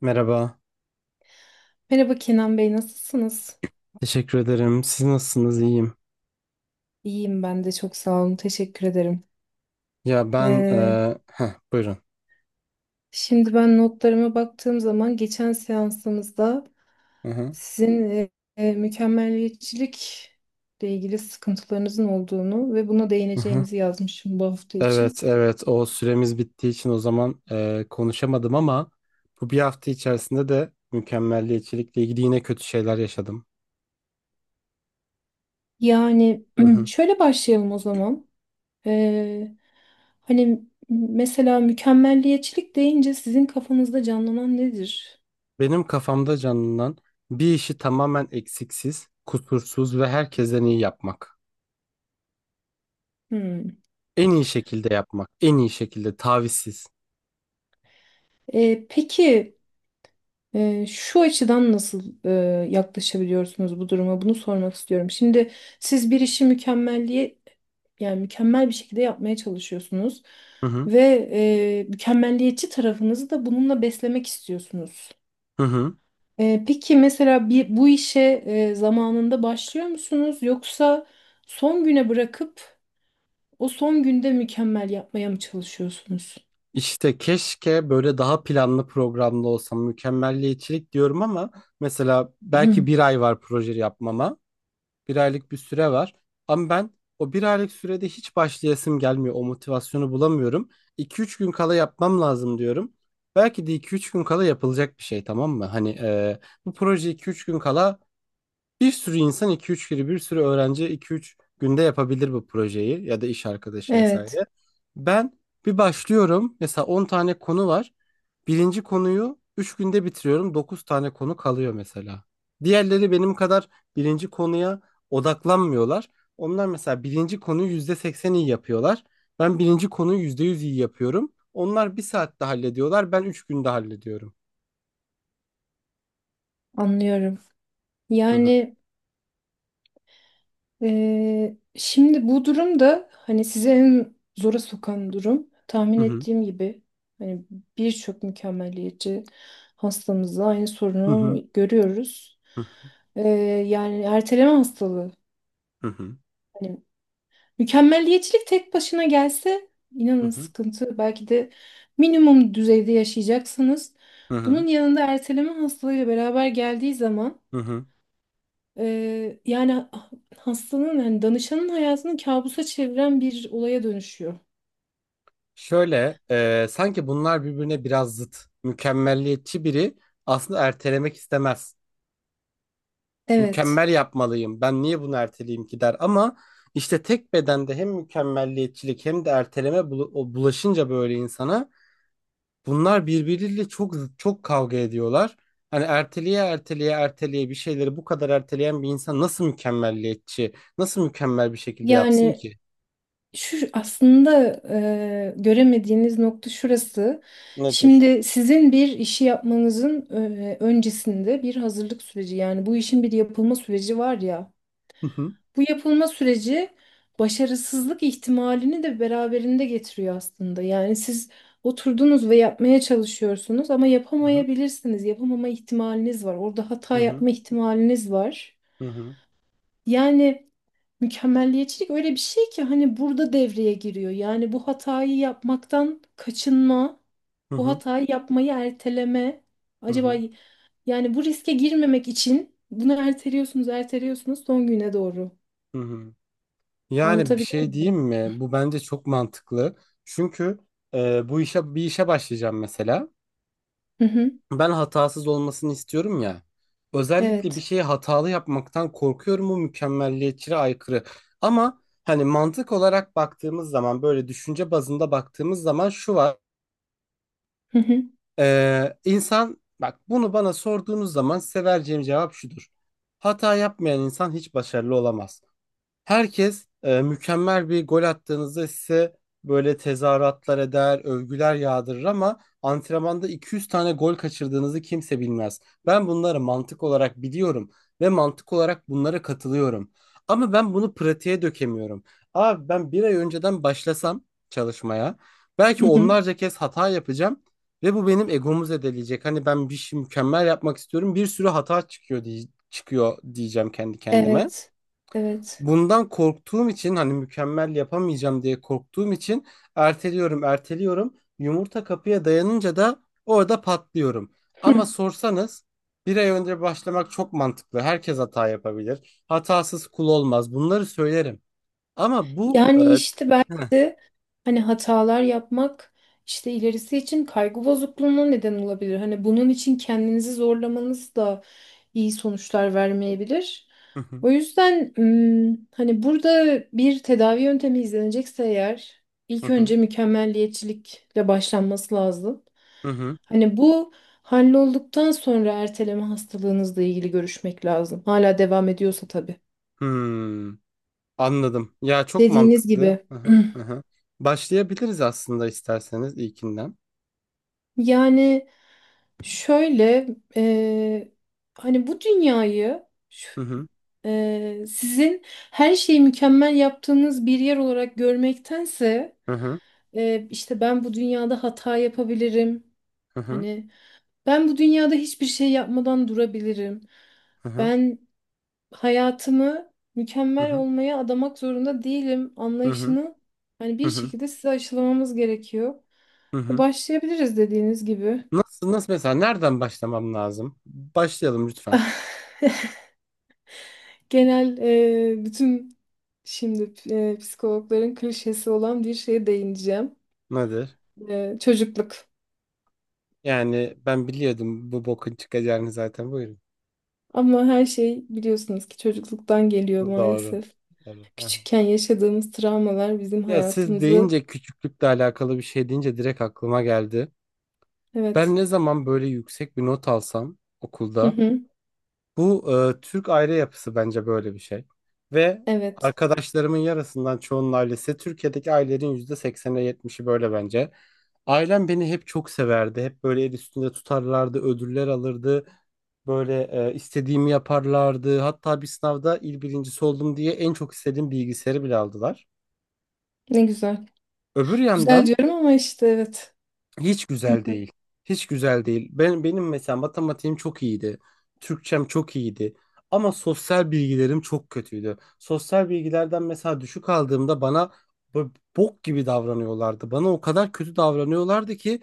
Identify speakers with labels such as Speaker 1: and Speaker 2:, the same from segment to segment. Speaker 1: Merhaba,
Speaker 2: Merhaba Kenan Bey, nasılsınız?
Speaker 1: teşekkür ederim. Siz nasılsınız? İyiyim.
Speaker 2: İyiyim ben de çok sağ olun, teşekkür ederim.
Speaker 1: Ya ben,
Speaker 2: Ee,
Speaker 1: buyurun.
Speaker 2: Şimdi ben notlarıma baktığım zaman geçen seansımızda
Speaker 1: Hı hı,
Speaker 2: sizin mükemmeliyetçilikle ilgili sıkıntılarınızın olduğunu ve buna
Speaker 1: hı hı.
Speaker 2: değineceğimizi yazmışım bu hafta için.
Speaker 1: Evet, evet. O süremiz bittiği için o zaman konuşamadım ama bu bir hafta içerisinde de mükemmelliyetçilikle ilgili yine kötü şeyler yaşadım.
Speaker 2: Yani
Speaker 1: Hı hı.
Speaker 2: şöyle başlayalım o zaman. Ee, Hani mesela mükemmelliyetçilik deyince sizin kafanızda canlanan nedir?
Speaker 1: Benim kafamda canlanan bir işi tamamen eksiksiz, kusursuz ve herkesten iyi yapmak.
Speaker 2: Hmm.
Speaker 1: En iyi şekilde yapmak, en iyi şekilde, tavizsiz.
Speaker 2: Peki. Şu açıdan nasıl yaklaşabiliyorsunuz bu duruma? Bunu sormak istiyorum. Şimdi siz bir işi mükemmelliğe yani mükemmel bir şekilde yapmaya çalışıyorsunuz
Speaker 1: Hı hı,
Speaker 2: ve mükemmelliyetçi tarafınızı da bununla beslemek istiyorsunuz.
Speaker 1: hı hı.
Speaker 2: Peki mesela bir, bu işe zamanında başlıyor musunuz yoksa son güne bırakıp o son günde mükemmel yapmaya mı çalışıyorsunuz?
Speaker 1: İşte keşke böyle daha planlı programlı olsam mükemmelliyetçilik diyorum ama mesela belki bir ay var proje yapmama. Bir aylık bir süre var. Ama ben o bir aylık sürede hiç başlayasım gelmiyor. O motivasyonu bulamıyorum. iki üç gün kala yapmam lazım diyorum. Belki de iki üç gün kala yapılacak bir şey, tamam mı? Hani bu proje iki üç gün kala bir sürü insan, iki üç kere, bir sürü öğrenci iki üç günde yapabilir bu projeyi ya da iş arkadaşı
Speaker 2: Evet,
Speaker 1: vesaire. Ben bir başlıyorum, mesela 10 tane konu var. Birinci konuyu 3 günde bitiriyorum, 9 tane konu kalıyor mesela. Diğerleri benim kadar birinci konuya odaklanmıyorlar. Onlar mesela birinci konuyu %80 iyi yapıyorlar. Ben birinci konuyu %100 iyi yapıyorum. Onlar bir saatte hallediyorlar, ben 3 günde hallediyorum.
Speaker 2: anlıyorum.
Speaker 1: Hı hı,
Speaker 2: Yani. Şimdi bu durum da hani sizi en zora sokan durum. Tahmin
Speaker 1: hı
Speaker 2: ettiğim gibi hani birçok mükemmeliyetçi hastamızda aynı
Speaker 1: hı, hı
Speaker 2: sorunu görüyoruz.
Speaker 1: hı,
Speaker 2: Ee, Yani erteleme hastalığı.
Speaker 1: hı hı,
Speaker 2: Hani mükemmeliyetçilik tek başına gelse
Speaker 1: hı
Speaker 2: inanın
Speaker 1: hı,
Speaker 2: sıkıntı. Belki de minimum düzeyde yaşayacaksınız.
Speaker 1: hı hı.
Speaker 2: Bunun yanında erteleme hastalığıyla beraber geldiği zaman
Speaker 1: Hı.
Speaker 2: Yani hastanın yani danışanın hayatını kabusa çeviren bir olaya dönüşüyor.
Speaker 1: Şöyle, sanki bunlar birbirine biraz zıt. Mükemmelliyetçi biri aslında ertelemek istemez. Mükemmel
Speaker 2: Evet.
Speaker 1: yapmalıyım. Ben niye bunu erteleyeyim ki der. Ama işte tek bedende hem mükemmelliyetçilik hem de erteleme o bulaşınca böyle insana, bunlar birbiriyle çok zıt, çok kavga ediyorlar. Hani erteleye erteleye erteleye bir şeyleri bu kadar erteleyen bir insan nasıl mükemmelliyetçi, nasıl mükemmel bir şekilde yapsın
Speaker 2: Yani
Speaker 1: ki?
Speaker 2: şu aslında göremediğiniz nokta şurası.
Speaker 1: Nedir?
Speaker 2: Şimdi sizin bir işi yapmanızın öncesinde bir hazırlık süreci yani bu işin bir yapılma süreci var ya.
Speaker 1: Hı hı.
Speaker 2: Bu yapılma süreci başarısızlık ihtimalini de beraberinde getiriyor aslında. Yani siz oturdunuz ve yapmaya çalışıyorsunuz ama
Speaker 1: Hı hı.
Speaker 2: yapamayabilirsiniz. Yapamama ihtimaliniz var. Orada
Speaker 1: Hı
Speaker 2: hata
Speaker 1: hı.
Speaker 2: yapma ihtimaliniz var.
Speaker 1: Hı hı.
Speaker 2: Yani mükemmelliyetçilik öyle bir şey ki hani burada devreye giriyor. Yani bu hatayı yapmaktan kaçınma,
Speaker 1: Hı
Speaker 2: bu
Speaker 1: hı.
Speaker 2: hatayı yapmayı erteleme.
Speaker 1: Hı
Speaker 2: Acaba
Speaker 1: hı.
Speaker 2: yani bu riske girmemek için bunu erteliyorsunuz, erteliyorsunuz son güne doğru.
Speaker 1: Hı hı. Yani bir
Speaker 2: Anlatabiliyor
Speaker 1: şey diyeyim
Speaker 2: muyum?
Speaker 1: mi? Bu bence çok mantıklı. Çünkü bu işe bir işe başlayacağım mesela.
Speaker 2: Hı hı.
Speaker 1: Ben hatasız olmasını istiyorum ya. Özellikle bir
Speaker 2: Evet.
Speaker 1: şeyi hatalı yapmaktan korkuyorum. Bu mükemmelliyetçiliğe aykırı. Ama hani mantık olarak baktığımız zaman, böyle düşünce bazında baktığımız zaman şu var.
Speaker 2: Hı hı.
Speaker 1: İnsan, bak, bunu bana sorduğunuz zaman size vereceğim cevap şudur. Hata yapmayan insan hiç başarılı olamaz. Herkes mükemmel bir gol attığınızda size böyle tezahüratlar eder, övgüler yağdırır, ama antrenmanda 200 tane gol kaçırdığınızı kimse bilmez. Ben bunları mantık olarak biliyorum ve mantık olarak bunlara katılıyorum. Ama ben bunu pratiğe dökemiyorum. Abi ben bir ay önceden başlasam çalışmaya belki
Speaker 2: Hı hı.
Speaker 1: onlarca kez hata yapacağım ve bu benim egomu zedeleyecek. Hani ben bir şey mükemmel yapmak istiyorum. Bir sürü hata çıkıyor diye çıkıyor diyeceğim kendi kendime.
Speaker 2: Evet. Evet.
Speaker 1: Bundan korktuğum için, hani mükemmel yapamayacağım diye korktuğum için erteliyorum, erteliyorum. Yumurta kapıya dayanınca da orada patlıyorum. Ama sorsanız, bir ay önce başlamak çok mantıklı. Herkes hata yapabilir. Hatasız kul olmaz. Bunları söylerim. Ama bu
Speaker 2: Yani işte
Speaker 1: heh.
Speaker 2: belki de hani hatalar yapmak işte ilerisi için kaygı bozukluğuna neden olabilir. Hani bunun için kendinizi zorlamanız da iyi sonuçlar vermeyebilir.
Speaker 1: Hı hı,
Speaker 2: O yüzden hani burada bir tedavi yöntemi izlenecekse eğer
Speaker 1: hı
Speaker 2: ilk
Speaker 1: hı,
Speaker 2: önce mükemmelliyetçilikle başlanması lazım.
Speaker 1: hı hı.
Speaker 2: Hani bu hallolduktan sonra erteleme hastalığınızla ilgili görüşmek lazım. Hala devam ediyorsa tabii.
Speaker 1: Hmm, anladım. Ya çok
Speaker 2: Dediğiniz
Speaker 1: mantıklı.
Speaker 2: gibi.
Speaker 1: Hı hı, hı hı. Başlayabiliriz aslında, isterseniz ilkinden.
Speaker 2: Yani şöyle e, hani bu dünyayı
Speaker 1: Hı
Speaker 2: şu-
Speaker 1: hı,
Speaker 2: sizin her şeyi mükemmel yaptığınız bir yer olarak görmektense
Speaker 1: hı hı,
Speaker 2: işte ben bu dünyada hata yapabilirim.
Speaker 1: hı hı,
Speaker 2: Hani ben bu dünyada hiçbir şey yapmadan durabilirim.
Speaker 1: hı hı,
Speaker 2: Ben hayatımı
Speaker 1: hı
Speaker 2: mükemmel
Speaker 1: hı,
Speaker 2: olmaya adamak zorunda değilim
Speaker 1: hı hı.
Speaker 2: anlayışını hani bir
Speaker 1: Hı hı.
Speaker 2: şekilde size aşılamamız gerekiyor.
Speaker 1: Hı
Speaker 2: Ve
Speaker 1: hı.
Speaker 2: başlayabiliriz dediğiniz gibi.
Speaker 1: Nasıl, mesela nereden başlamam lazım? Başlayalım lütfen.
Speaker 2: Genel bütün şimdi psikologların klişesi olan bir şeye değineceğim.
Speaker 1: Nedir?
Speaker 2: Çocukluk.
Speaker 1: Yani ben biliyordum bu bokun çıkacağını zaten. Buyurun.
Speaker 2: Ama her şey biliyorsunuz ki çocukluktan geliyor
Speaker 1: Doğru. Doğru.
Speaker 2: maalesef.
Speaker 1: Hı hı.
Speaker 2: Küçükken yaşadığımız travmalar bizim
Speaker 1: Ya siz
Speaker 2: hayatımızı
Speaker 1: deyince, küçüklükle alakalı bir şey deyince direkt aklıma geldi. Ben
Speaker 2: evet.
Speaker 1: ne zaman böyle yüksek bir not alsam
Speaker 2: Hı
Speaker 1: okulda.
Speaker 2: hı.
Speaker 1: Bu Türk aile yapısı bence böyle bir şey. Ve
Speaker 2: Evet.
Speaker 1: arkadaşlarımın yarısından çoğunun ailesi, Türkiye'deki ailelerin %80'e 70'i böyle bence. Ailem beni hep çok severdi. Hep böyle el üstünde tutarlardı, ödüller alırdı. Böyle istediğimi yaparlardı. Hatta bir sınavda il birincisi oldum diye en çok istediğim bilgisayarı bile aldılar.
Speaker 2: Ne güzel.
Speaker 1: Öbür
Speaker 2: Güzel
Speaker 1: yandan
Speaker 2: diyorum ama işte evet.
Speaker 1: hiç güzel değil. Hiç güzel değil. Ben, benim mesela matematiğim çok iyiydi. Türkçem çok iyiydi. Ama sosyal bilgilerim çok kötüydü. Sosyal bilgilerden mesela düşük aldığımda bana bu- bok gibi davranıyorlardı. Bana o kadar kötü davranıyorlardı ki,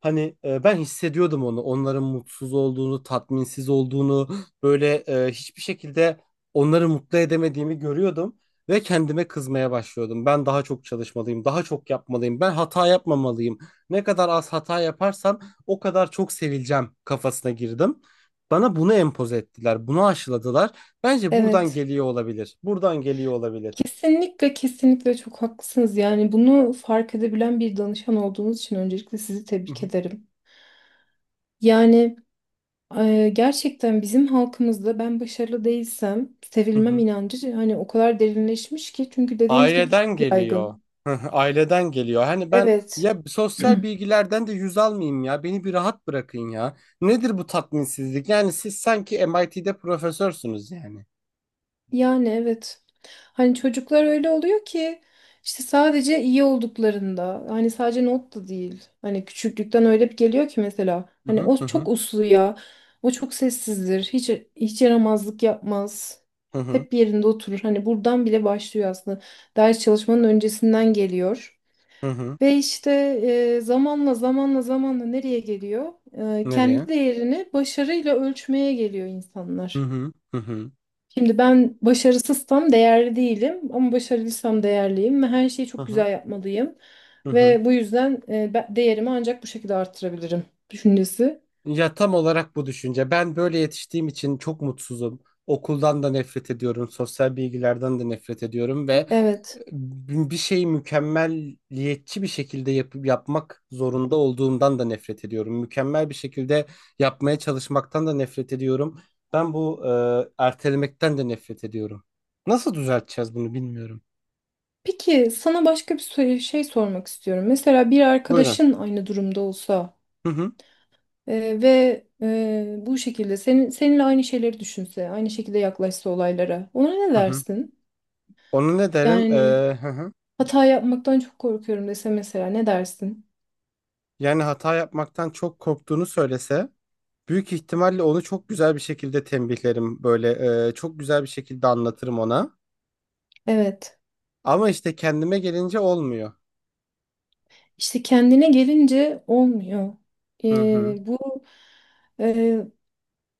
Speaker 1: hani ben hissediyordum onu. Onların mutsuz olduğunu, tatminsiz olduğunu, böyle hiçbir şekilde onları mutlu edemediğimi görüyordum ve kendime kızmaya başlıyordum. Ben daha çok çalışmalıyım, daha çok yapmalıyım. Ben hata yapmamalıyım. Ne kadar az hata yaparsam o kadar çok sevileceğim kafasına girdim. Bana bunu empoze ettiler, bunu aşıladılar. Bence buradan
Speaker 2: Evet.
Speaker 1: geliyor olabilir. Buradan geliyor olabilir.
Speaker 2: Kesinlikle kesinlikle çok haklısınız. Yani bunu fark edebilen bir danışan olduğunuz için öncelikle sizi
Speaker 1: Hı
Speaker 2: tebrik
Speaker 1: hı,
Speaker 2: ederim. Yani gerçekten bizim halkımızda ben başarılı değilsem
Speaker 1: hı
Speaker 2: sevilmem
Speaker 1: hı.
Speaker 2: inancı hani o kadar derinleşmiş ki çünkü dediğiniz gibi çok
Speaker 1: Aileden geliyor.
Speaker 2: yaygın.
Speaker 1: Hı hı, aileden geliyor. Hani ben
Speaker 2: Evet.
Speaker 1: ya sosyal bilgilerden de yüz almayayım ya. Beni bir rahat bırakın ya. Nedir bu tatminsizlik? Yani siz sanki MIT'de profesörsünüz yani.
Speaker 2: Yani evet. Hani çocuklar öyle oluyor ki işte sadece iyi olduklarında hani sadece not da değil. Hani küçüklükten öyle bir geliyor ki mesela
Speaker 1: Hı
Speaker 2: hani
Speaker 1: hı,
Speaker 2: o
Speaker 1: hı hı,
Speaker 2: çok uslu ya. O çok sessizdir. Hiç yaramazlık yapmaz.
Speaker 1: hı hı,
Speaker 2: Hep yerinde oturur. Hani buradan bile başlıyor aslında. Ders çalışmanın öncesinden geliyor.
Speaker 1: hı hı.
Speaker 2: Ve işte zamanla zamanla zamanla nereye geliyor?
Speaker 1: Nereye?
Speaker 2: Kendi değerini başarıyla ölçmeye geliyor
Speaker 1: Hı
Speaker 2: insanlar.
Speaker 1: hı, hı hı,
Speaker 2: Şimdi ben başarısızsam değerli değilim ama başarılıysam değerliyim ve her şeyi
Speaker 1: hı
Speaker 2: çok
Speaker 1: hı,
Speaker 2: güzel yapmalıyım.
Speaker 1: hı hı.
Speaker 2: Ve bu yüzden ben değerimi ancak bu şekilde arttırabilirim düşüncesi.
Speaker 1: Ya tam olarak bu düşünce. Ben böyle yetiştiğim için çok mutsuzum. Okuldan da nefret ediyorum, sosyal bilgilerden de nefret ediyorum ve
Speaker 2: Evet.
Speaker 1: bir şeyi mükemmelliyetçi bir şekilde yapıp yapmak zorunda olduğumdan da nefret ediyorum. Mükemmel bir şekilde yapmaya çalışmaktan da nefret ediyorum. Ben bu ertelemekten de nefret ediyorum. Nasıl düzelteceğiz bunu bilmiyorum.
Speaker 2: Peki sana başka bir şey sormak istiyorum. Mesela bir
Speaker 1: Buyurun.
Speaker 2: arkadaşın aynı durumda olsa
Speaker 1: Hı hı.
Speaker 2: Ve bu şekilde senin seninle aynı şeyleri düşünse, aynı şekilde yaklaşsa olaylara. Ona ne
Speaker 1: Hı hı.
Speaker 2: dersin?
Speaker 1: Onu ne derim?
Speaker 2: Yani
Speaker 1: Hı hı.
Speaker 2: hata yapmaktan çok korkuyorum dese mesela ne dersin?
Speaker 1: Yani hata yapmaktan çok korktuğunu söylese, büyük ihtimalle onu çok güzel bir şekilde tembihlerim, böyle çok güzel bir şekilde anlatırım ona.
Speaker 2: Evet.
Speaker 1: Ama işte kendime gelince olmuyor.
Speaker 2: İşte kendine gelince olmuyor.
Speaker 1: Hı hı.
Speaker 2: Bu e,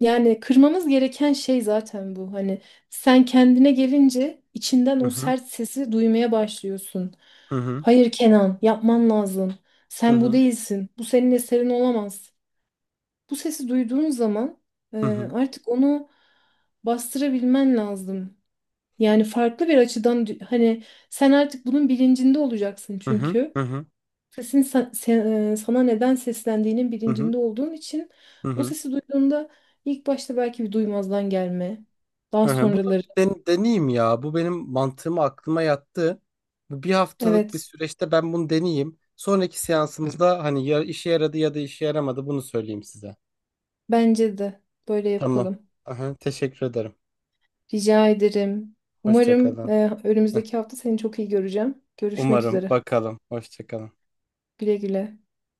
Speaker 2: yani kırmamız gereken şey zaten bu. Hani sen kendine gelince içinden
Speaker 1: Hı
Speaker 2: o
Speaker 1: hı.
Speaker 2: sert sesi duymaya başlıyorsun.
Speaker 1: Hı hı.
Speaker 2: Hayır Kenan, yapman lazım.
Speaker 1: Hı
Speaker 2: Sen bu
Speaker 1: hı.
Speaker 2: değilsin. Bu senin eserin olamaz. Bu sesi duyduğun zaman
Speaker 1: Hı hı.
Speaker 2: artık onu bastırabilmen lazım. Yani farklı bir açıdan hani sen artık bunun bilincinde olacaksın
Speaker 1: Hı hı.
Speaker 2: çünkü
Speaker 1: Hı hı.
Speaker 2: sesin sa- se- e, sana neden seslendiğinin
Speaker 1: Hı hı.
Speaker 2: bilincinde olduğun için o
Speaker 1: Hı.
Speaker 2: sesi duyduğunda ilk başta belki bir duymazdan gelme. Daha
Speaker 1: Bunu
Speaker 2: sonraları.
Speaker 1: deneyeyim ya. Bu benim mantığıma, aklıma yattı. Bu bir haftalık bir
Speaker 2: Evet,
Speaker 1: süreçte ben bunu deneyeyim. Sonraki seansımızda hani ya işe yaradı ya da işe yaramadı bunu söyleyeyim size.
Speaker 2: bence de böyle
Speaker 1: Tamam.
Speaker 2: yapalım.
Speaker 1: Aha, teşekkür ederim.
Speaker 2: Rica ederim.
Speaker 1: Hoşça
Speaker 2: Umarım
Speaker 1: kalın. Heh,
Speaker 2: önümüzdeki hafta seni çok iyi göreceğim. Görüşmek
Speaker 1: umarım
Speaker 2: üzere.
Speaker 1: bakalım. Hoşça kalın.
Speaker 2: Güle güle.